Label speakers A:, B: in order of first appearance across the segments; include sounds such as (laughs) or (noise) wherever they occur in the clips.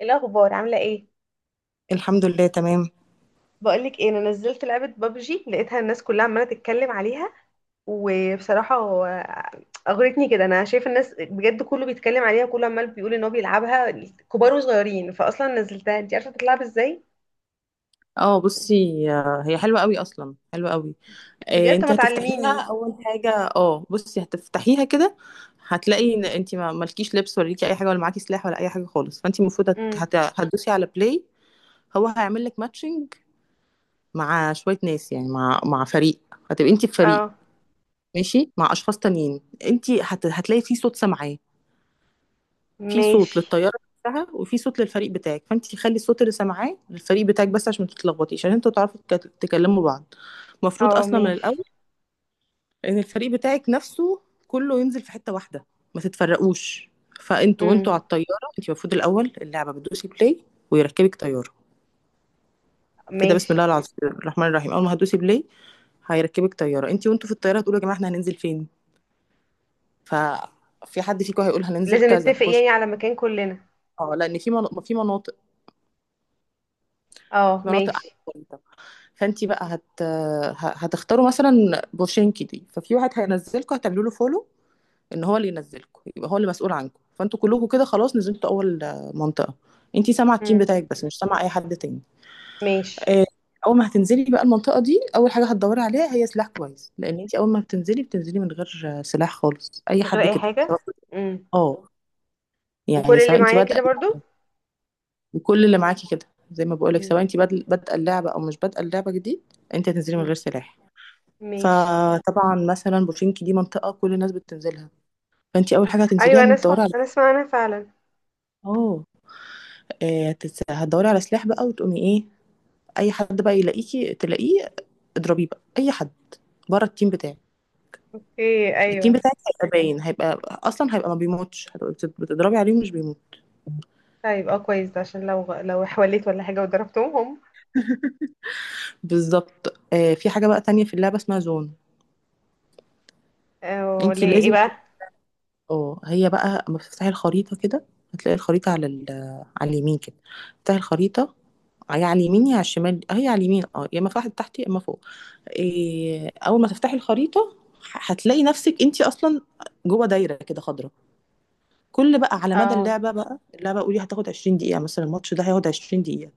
A: إيه الاخبار؟ عامله ايه؟
B: الحمد لله تمام.
A: بقولك ايه، انا نزلت لعبه بابجي لقيتها الناس كلها عماله تتكلم عليها. وبصراحه هو اغرتني كده، انا شايفه الناس بجد كله بيتكلم عليها، كله عمال بيقول ان هو بيلعبها كبار وصغيرين. فاصلا نزلتها، انت عارفه بتلعب ازاي؟
B: اه بصي، هي حلوة قوي، اصلا حلوة قوي.
A: بجد طب
B: انت
A: ما
B: هتفتحيها
A: تعلميني.
B: اول حاجة. اه بصي، هتفتحيها كده. هتلاقي ان انت ما مالكيش لبس، ولا ليكي اي حاجة، ولا معاكي سلاح، ولا اي حاجة خالص. فانت المفروض
A: امم
B: هتدوسي على بلاي. هو هيعمل لك ماتشنج مع شوية ناس، يعني مع فريق. هتبقي انت في فريق
A: اه
B: ماشي مع اشخاص تانيين. انت هتلاقي في صوت سامعاه، في صوت
A: ماشي.
B: للطياره نفسها، وفي صوت للفريق بتاعك. فانت خلي الصوت اللي سامعاه للفريق بتاعك بس، عشان ما تتلخبطيش، عشان انتوا تعرفوا تكلموا بعض. المفروض
A: اه
B: اصلا من
A: ماشي.
B: الاول ان الفريق بتاعك نفسه كله ينزل في حته واحده، ما تتفرقوش. فانتوا وانتوا على
A: امم
B: الطياره، انت المفروض الاول اللعبه بتدوسي بلاي، ويركبك طياره. كده بسم
A: ماشي.
B: الله العظيم الرحمن الرحيم، اول ما هتدوسي بلاي هيركبك طياره. انت وانتوا في الطياره هتقولوا يا جماعه احنا هننزل فين، ف في حد فيكم هيقول هننزل
A: لازم
B: كذا
A: نتفق
B: بوش.
A: يعني على مكان كلنا.
B: اه، لان في في مناطق،
A: اه
B: في مناطق
A: ماشي.
B: احسن. فانت بقى هتختاروا مثلا بورشينكي دي. ففي واحد هينزلكم، هتعملوا له فولو ان هو اللي ينزلكم، يبقى هو اللي مسؤول عنكم. فانتوا كلكم كده خلاص نزلتوا اول منطقه. انت سامعه التيم
A: امم
B: بتاعك بس، مش سامعه اي حد تاني.
A: ماشي.
B: آه، اول ما هتنزلي بقى المنطقه دي، اول حاجه هتدوري عليها هي سلاح كويس، لان انت اول ما بتنزلي بتنزلي من غير سلاح خالص، اي
A: من غير
B: حد
A: اي
B: كده سواء.
A: حاجه. امم
B: اه، يعني
A: وكل اللي
B: سواء انت
A: معايا
B: بادئه
A: كده برضو.
B: وكل اللي معاكي كده، زي ما بقولك سواء انت بادئه اللعبه او مش بادئه اللعبه جديد، انت هتنزلي من
A: امم
B: غير سلاح.
A: ماشي.
B: فطبعا مثلا بوشينكي دي منطقة كل الناس بتنزلها، فانتي اول حاجة هتنزليها
A: ايوه انا
B: انك
A: اسمع
B: تدوري على.
A: انا اسمع انا فعلا.
B: اه، هتدوري على سلاح بقى، وتقومي ايه؟ اي حد بقى يلاقيكي تلاقيه اضربيه بقى، اي حد بره التيم بتاعك.
A: اوكي
B: التيم
A: ايوه.
B: بتاعك هيبقى باين، هيبقى اصلا هيبقى ما بيموتش، هتبقى بتضربي عليه ومش بيموت.
A: طيب اه كويس ده عشان لو حوليت ولا حاجه وضربتهم.
B: بالظبط. في حاجة بقى تانية في اللعبة اسمها زون،
A: ولا
B: انتي
A: ايه
B: لازم.
A: بقى؟
B: اه، هي بقى اما بتفتحي الخريطة كده هتلاقي الخريطة على على اليمين كده، تفتحي الخريطة. هي على اليمين يا على الشمال، هي على اليمين اه، يا اما فتحت تحت يا اما فوق. اول ما تفتحي الخريطة هتلاقي نفسك انت اصلا جوه دايرة كده خضراء. كل بقى على مدى
A: اه.
B: اللعبة بقى، اللعبة قولي هتاخد 20 دقيقة مثلا، الماتش ده هياخد 20 دقيقة.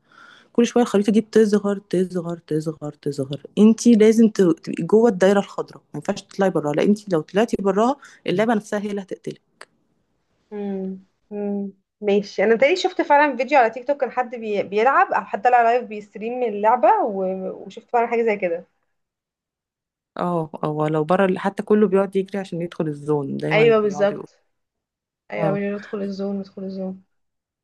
B: كل شوية الخريطة دي بتصغر تصغر تصغر تصغر، انت لازم تبقي جوه الدايرة الخضراء، ما ينفعش تطلعي براها، لان انت لو طلعتي براها اللعبة نفسها هي اللي هتقتلك.
A: امم امم ماشي. انا تاني شفت فعلا فيديو على تيك توك، كان حد بيلعب او حد طلع لايف بيستريم من اللعبه و... وشفت فعلا حاجه زي كده.
B: اه اه، لو بره حتى كله بيقعد يجري عشان يدخل الزون، دايما
A: ايوه
B: بيقعد يقول.
A: بالظبط. ايوه
B: اه،
A: بيقول له ادخل الزون ادخل الزون.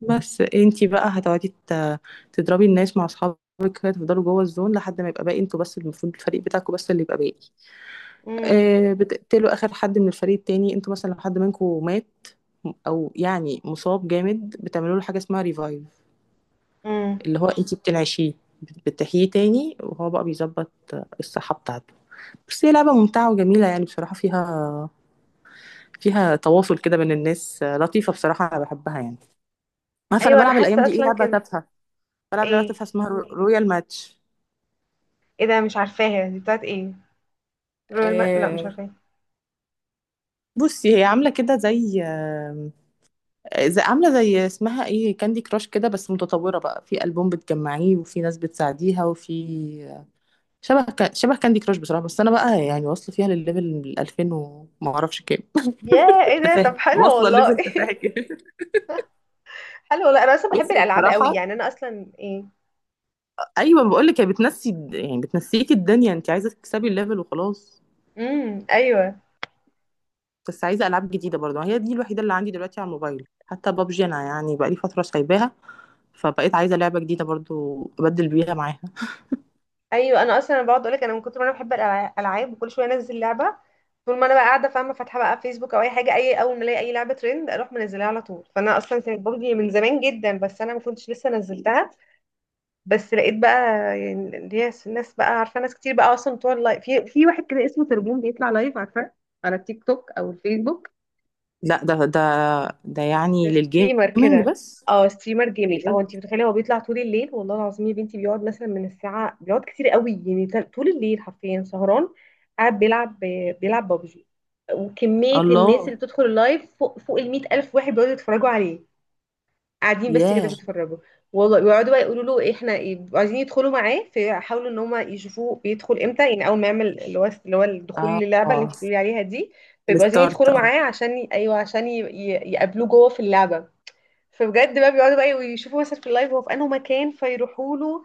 B: بس انتي بقى تضربي الناس مع اصحابك كده، تفضلوا جوه الزون لحد ما يبقى باقي انتوا بس، المفروض الفريق بتاعكوا بس اللي يبقى باقي.
A: امم
B: آه، بتقتلوا اخر حد من الفريق التاني. انتوا مثلا لو حد منكم مات او يعني مصاب جامد، بتعملوا له حاجه اسمها ريفايف،
A: امم
B: اللي هو انتي بتنعشيه، بتحييه تاني، وهو بقى بيظبط الصحه بتاعته. بس هي لعبه ممتعه وجميله يعني، بصراحه فيها تواصل كده بين الناس، لطيفة بصراحة، أنا بحبها يعني. عارفة أنا
A: ايوه انا
B: بلعب الأيام
A: حاسه
B: دي إيه؟
A: اصلا
B: لعبة
A: كده.
B: تافهة. بلعب لعبة
A: ايه؟
B: تافهة اسمها رويال ماتش.
A: ايه ده؟ مش عارفاها، دي بتاعت ايه؟ رويال ما... لا مش
B: آه،
A: عارفاها.
B: بصي، هي عاملة كده زي، عاملة زي اسمها إيه، كاندي كراش كده، بس متطورة بقى، في ألبوم بتجمعيه، وفي ناس بتساعديها، وفي آه، شبه شبه كاندي كراش بصراحة. بس أنا بقى يعني واصلة فيها للليفل 2000 وما أعرفش كام.
A: يا ايه
B: (laughs)
A: ده،
B: تفاهة
A: طب حلو
B: واصلة
A: والله
B: الليفل تفاهة
A: (laughs)
B: كده.
A: حلو والله، انا اصلا بحب
B: بصي
A: الالعاب قوي،
B: بصراحة،
A: يعني انا اصلا ايه.
B: ايوه بقول لك هي بتنسي يعني بتنسيكي الدنيا، انت عايزه تكسبي الليفل وخلاص.
A: ايوه.
B: بس عايزه العاب جديده برضه، هي دي الوحيده اللي عندي دلوقتي على الموبايل. حتى بابجي انا يعني بقالي فتره سايباها، فبقيت عايزه لعبه جديده برضه ابدل بيها معاها.
A: ايوه انا اصلا، انا بقعد اقول لك، انا من كتر ما انا بحب الالعاب وكل شويه انزل لعبه. طول ما انا بقى قاعده فاهمه فاتحه بقى فيسبوك او اي حاجه، اي اول ما الاقي اي لعبه ترند اروح منزلها على طول، فانا اصلا كانت بابجي من زمان جدا بس انا ما كنتش لسه نزلتها. بس لقيت بقى، يعني اللي هي الناس بقى، عارفه ناس كتير بقى اصلا بتوع اللايف، في واحد كده اسمه تربون بيطلع لايف، عارفه، على التيك توك او الفيسبوك.
B: لا ده ده
A: ده
B: يعني
A: ستريمر
B: للجيمنج
A: كده.
B: بس.
A: اه ستريمر جيمنج، هو
B: بجد؟
A: انت متخيله، هو بيطلع طول الليل والله العظيم يا بنتي، بيقعد مثلا من الساعه بيقعد كتير قوي، يعني طول الليل حرفيا سهران. قاعد بيلعب. بيلعب بابجي. وكميه الناس اللي
B: الله.
A: بتدخل اللايف فوق ال 100,000 الف، واحد بيقعدوا يتفرجوا عليه. قاعدين بس كده
B: ياه.
A: بيتفرجوا. والله بيقعدوا بقى يقولوا له إيه، احنا إيه، بيبقوا عايزين يدخلوا معاه، فيحاولوا ان هم يشوفوه بيدخل امتى، يعني اول ما يعمل اللي هو الدخول للعبه اللي
B: اه،
A: انت بتقولي عليها دي. فيبقوا عايزين
B: الستارت،
A: يدخلوا
B: اه.
A: معاه عشان ايوه عشان يقابلوه جوه في اللعبه. فبجد بقى بيقعدوا بقى ويشوفوا مثلا في اللايف هو في انه مكان فيروحوا له.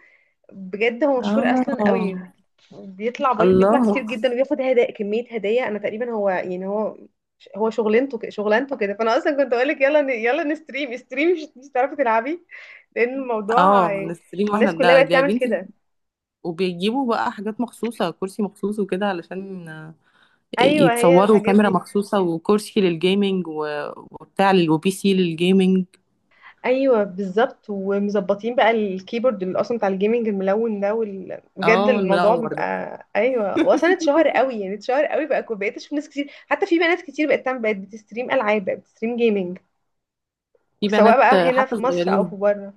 A: بجد هو مشهور اصلا قوي.
B: اه،
A: بيطلع بالك بيطلع كتير
B: الله.
A: جدا، وبياخد هدايا كمية هدايا، انا تقريبا هو يعني هو، هو شغلانته شغلانته كده. فانا اصلا كنت اقول لك يلا يلا نستريم استريم مش هتعرفي تلعبي. لان الموضوع
B: اه، نستريم واحنا؟
A: الناس كلها
B: ده
A: بقت
B: ده يا
A: تعمل
B: بنتي.
A: كده.
B: وبيجيبوا بقى حاجات مخصوصه، كرسي مخصوص وكده علشان
A: ايوه هي
B: يتصوروا،
A: الحاجات
B: كاميرا
A: دي.
B: مخصوصة، وكرسي للجيمنج، وبي سي للجيمنج.
A: ايوه بالظبط، ومظبطين بقى الكيبورد اللي اصلا بتاع الجيمنج الملون ده وال... بجد
B: اه،
A: الموضوع
B: المنور ده.
A: بيبقى
B: (laughs)
A: ايوه، واصلا اتشهر قوي يعني اتشهر قوي بقى، بقيت اشوف ناس كتير، حتى في بنات كتير بقت تعمل بقت بتستريم العاب بقت بتستريم جيمنج.
B: في
A: سواء
B: بنات،
A: بقى هنا
B: حتى
A: في مصر او في
B: صغيرين،
A: بره.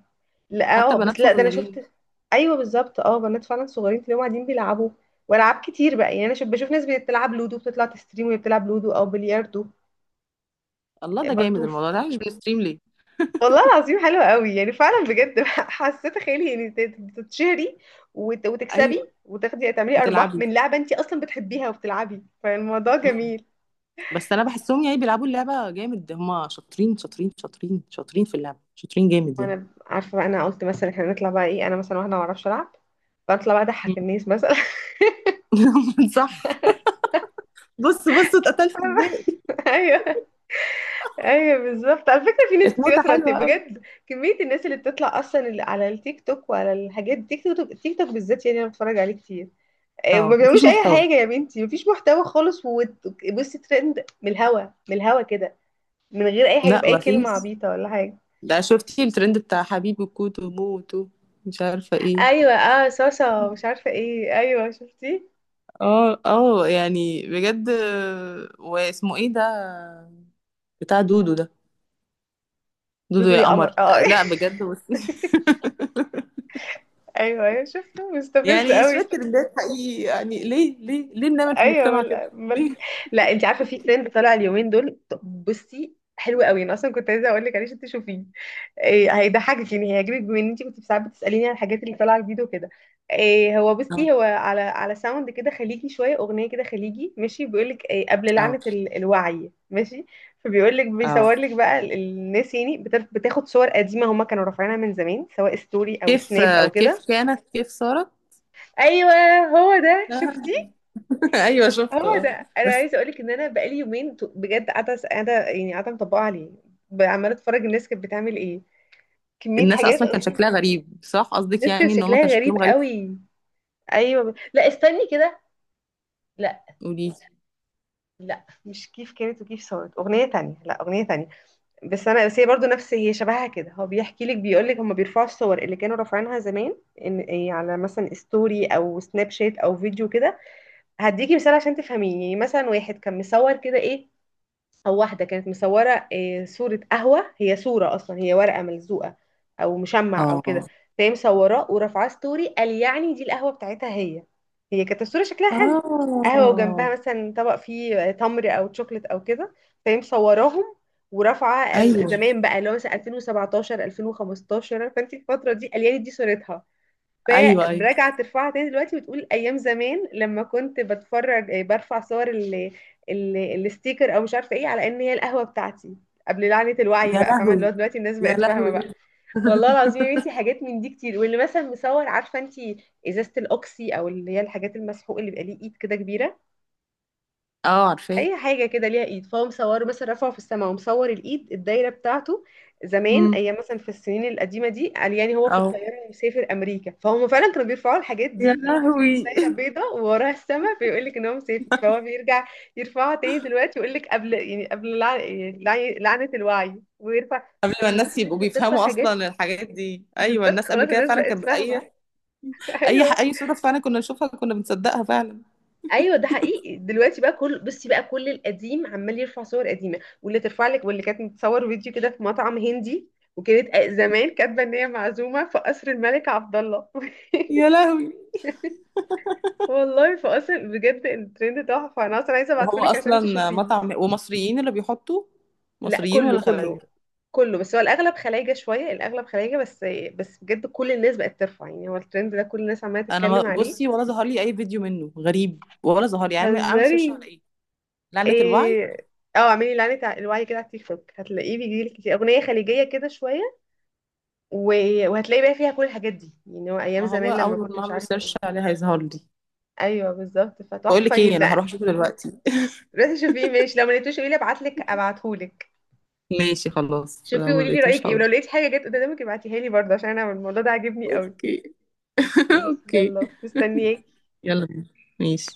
A: لا
B: حتى
A: اه
B: بنات
A: بس لا ده انا
B: صغيرين.
A: شفت. ايوه بالظبط، اه بنات فعلا صغيرين تلاقيهم قاعدين بيلعبوا. والعاب كتير بقى، يعني انا بشوف ناس بتلعب لودو بتطلع تستريم وهي بتلعب لودو او بلياردو
B: الله، ده جامد
A: برضو.
B: الموضوع ده، مش بنستريم ليه؟
A: والله العظيم حلوة قوي يعني فعلا بجد (laughs) حسيت خيالي يعني تتشهري
B: ايوه
A: وتكسبي وتاخدي تعملي ارباح
B: وتلعبي.
A: من لعبة انت اصلا بتحبيها وبتلعبي، فالموضوع
B: مم.
A: جميل.
B: بس انا بحسهم يعني بيلعبوا اللعبة جامد، هما شاطرين شاطرين شاطرين شاطرين في اللعبة، شاطرين جامد يعني.
A: وانا عارفة بقى، انا قلت مثلا احنا نطلع بقى ايه، انا مثلا واحدة ما اعرفش العب، فاطلع بقى
B: مم.
A: اضحك الناس مثلا.
B: (laughs) صح. بص بص اتقتلت ازاي،
A: (laughs) ايوه. ايوه بالظبط، على فكرة في ناس كتير
B: اتموتة
A: مثلا
B: حلوة قوي.
A: بجد، كمية الناس اللي بتطلع اصلا اللي على التيك توك وعلى الحاجات، التيك توك التيك توك بالذات يعني انا بتفرج عليه كتير. ما
B: اه، مفيش
A: بيعملوش اي
B: محتوى.
A: حاجه يا بنتي، مفيش محتوى خالص بصي ترند من الهوا، من الهوا كده، من غير اي حاجه،
B: لا،
A: باي كلمه
B: مفيش.
A: عبيطه ولا حاجه.
B: ده شفتي الترند بتاع حبيبي كوتو موتو، مش عارفة ايه.
A: ايوه اه صاصه مش عارفه ايه، ايوه شفتي،
B: اه اه، يعني بجد. واسمه ايه ده، بتاع دودو ده، دودو
A: دودو
B: يا
A: يا
B: قمر.
A: قمر اه (laughs)
B: لا بجد بصي،
A: ايوه ايوه شفته
B: (laughs)
A: مستفز
B: يعني شوية
A: قوي.
B: ترندات حقيقي، يعني ليه ليه ليه بنعمل في
A: ايوه
B: المجتمع كده ليه؟
A: لا انت عارفه في ترند طالع اليومين دول بصي حلو قوي، انا اصلا كنت عايزه اقول لك عليه عشان تشوفيه. إيه هيضحكك، يعني هيعجبك بما ان انت كنت ساعات بتساليني عن الحاجات اللي طالعه جديد وكده. إيه هو،
B: اه
A: بصي هو على ساوند كده خليجي شويه، اغنيه كده خليجي ماشي، بيقول لك إيه قبل
B: اه
A: لعنه الوعي ماشي. فبيقول لك بيصور
B: اه،
A: لك بقى الناس يعني بتاخد صور قديمه هما كانوا رافعينها من زمان، سواء ستوري او
B: كيف،
A: سناب او كده.
B: كيف كانت كيف صارت.
A: ايوه هو ده شفتي.
B: (laughs) ايوه شفته
A: اه
B: اه.
A: ده انا
B: بس
A: عايزه اقولك ان انا بقالي يومين بجد قاعده قاعده يعني قاعده مطبقه عليه، عماله اتفرج الناس كانت بتعمل ايه، كميه
B: الناس
A: حاجات
B: اصلا كان
A: اصلا.
B: شكلها غريب، صح؟ قصدك
A: الناس كان
B: يعني ان هما كان
A: شكلها غريب
B: شكلهم غريب.
A: قوي. ايوه لا استني كده، لا،
B: قولي.
A: لا مش كيف كانت وكيف صارت اغنيه تانية، لا اغنيه تانية، بس انا بس هي برضه نفس، هي شبهها كده، هو بيحكي لك بيقول لك هم بيرفعوا الصور اللي كانوا رافعينها زمان ان إيه، على مثلا ستوري او سناب شات او فيديو كده. هديكي مثال عشان تفهميني، يعني مثلا واحد كان مصور كده ايه، او واحده كانت مصوره صوره قهوه، هي صوره اصلا هي ورقه ملزوقه او مشمع او كده،
B: اه
A: فهي مصوراه ورافعاه ستوري، قال يعني دي القهوه بتاعتها. هي كانت الصوره شكلها حلو، قهوه وجنبها
B: اه،
A: مثلا طبق فيه تمر او تشوكلت او كده، فهي مصوراهم ورافعه
B: ايوه
A: زمان بقى اللي هو مثلا 2017 2015، فانت الفتره دي قال يعني دي صورتها.
B: ايوه ايوه.
A: فراجعة ترفعها تاني دلوقتي وتقول أيام زمان لما كنت بتفرج برفع صور ال... ال... الستيكر أو مش عارفة إيه، على إن هي القهوة بتاعتي قبل لعنة الوعي،
B: يا
A: بقى فاهمة اللي
B: لهوي،
A: هو دلوقتي الناس
B: يا
A: بقت فاهمة بقى.
B: لهوي. (laughs)
A: والله العظيم يا بنتي حاجات من دي كتير، واللي مثلا مصور عارفة انتي إزازة الأوكسي أو اللي هي الحاجات، المسحوق اللي بيبقى ليه إيد كده كبيرة،
B: اه، عارفاه.
A: اي حاجه كده ليها ايد، فهو مصوره مثلا رفعه في السماء ومصور الايد الدايره بتاعته زمان
B: امم.
A: ايام مثلا في السنين القديمه دي، قال يعني هو في
B: اه،
A: الطياره مسافر امريكا، فهم فعلا كانوا بيرفعوا الحاجات
B: يا
A: دي يعني شكل
B: لهوي.
A: دايره بيضاء ووراها السماء، فيقول لك ان هو مسافر، فهو بيرجع يرفعها تاني دلوقتي ويقول لك قبل يعني قبل لعنه الوعي ويرفع.
B: (laughs) قبل ما
A: فكميه
B: الناس
A: الناس
B: يبقوا
A: اللي بترفع
B: بيفهموا
A: حاجات،
B: اصلا الحاجات دي، ايوه
A: بالظبط
B: الناس قبل
A: خلاص
B: كده
A: الناس
B: فعلا
A: بقت
B: كانت
A: فاهمه.
B: اي
A: (laughs)
B: اي
A: ايوه
B: اي صوره فعلا كنا نشوفها كنا بنصدقها فعلا.
A: ايوه ده حقيقي، دلوقتي بقى كل بصي بقى كل القديم عمال يرفع صور قديمه، واللي ترفع لك واللي كانت متصور فيديو كده في مطعم هندي وكانت زمان كاتبه ان هي معزومه في قصر الملك عبد الله.
B: يا لهوي.
A: (laughs) والله في قصر بجد، الترند تحفه، انا اصلا عايزه
B: وهو
A: ابعتهولك عشان
B: اصلا
A: تشوفيه.
B: مطعم؟ ومصريين اللي بيحطوا،
A: لا
B: مصريين
A: كله
B: ولا خلايجة؟
A: كله، كله بس هو الاغلب خلايجه شويه الاغلب خلايجه بس، بس بجد كل الناس بقت ترفع، يعني هو الترند ده كل الناس عماله
B: انا
A: تتكلم عليه.
B: بصي، ولا ظهر لي اي فيديو منه غريب، ولا ظهر لي. يعني اعمل سيرش على
A: بتهزري؟
B: ايه، لعنة الوعي؟
A: ايه، اه اعملي لعنة الوعي كده على التيك توك، هتلاقيه بيجيلك كتير، اغنية خليجية كده شوية، وهتلاقي بقى فيها كل الحاجات دي، يعني هو ايام
B: ما هو
A: زمان لما
B: اول
A: كنت
B: ما
A: مش
B: اعمل
A: عارفة
B: سيرش
A: ايه.
B: عليه هيظهر لي.
A: ايوه بالظبط
B: بقول
A: فتحفة
B: لك ايه، انا
A: جدا.
B: هروح اشوفه دلوقتي.
A: بس شوفيه ماشي، لو ما لقيتوش قولي لي ابعتلك ابعتهولك.
B: ماشي خلاص،
A: شوفيه
B: لو ما
A: قولي لي رأيك
B: لقيتوش
A: ايه، ولو
B: هقول.
A: لقيت حاجة جت قدامك ابعتيها لي برضه، عشان انا الموضوع ده عاجبني قوي.
B: اوكي. (laughs)
A: ماشي
B: اوكي.
A: يلا مستنياك.
B: يلا بينا. ماشي.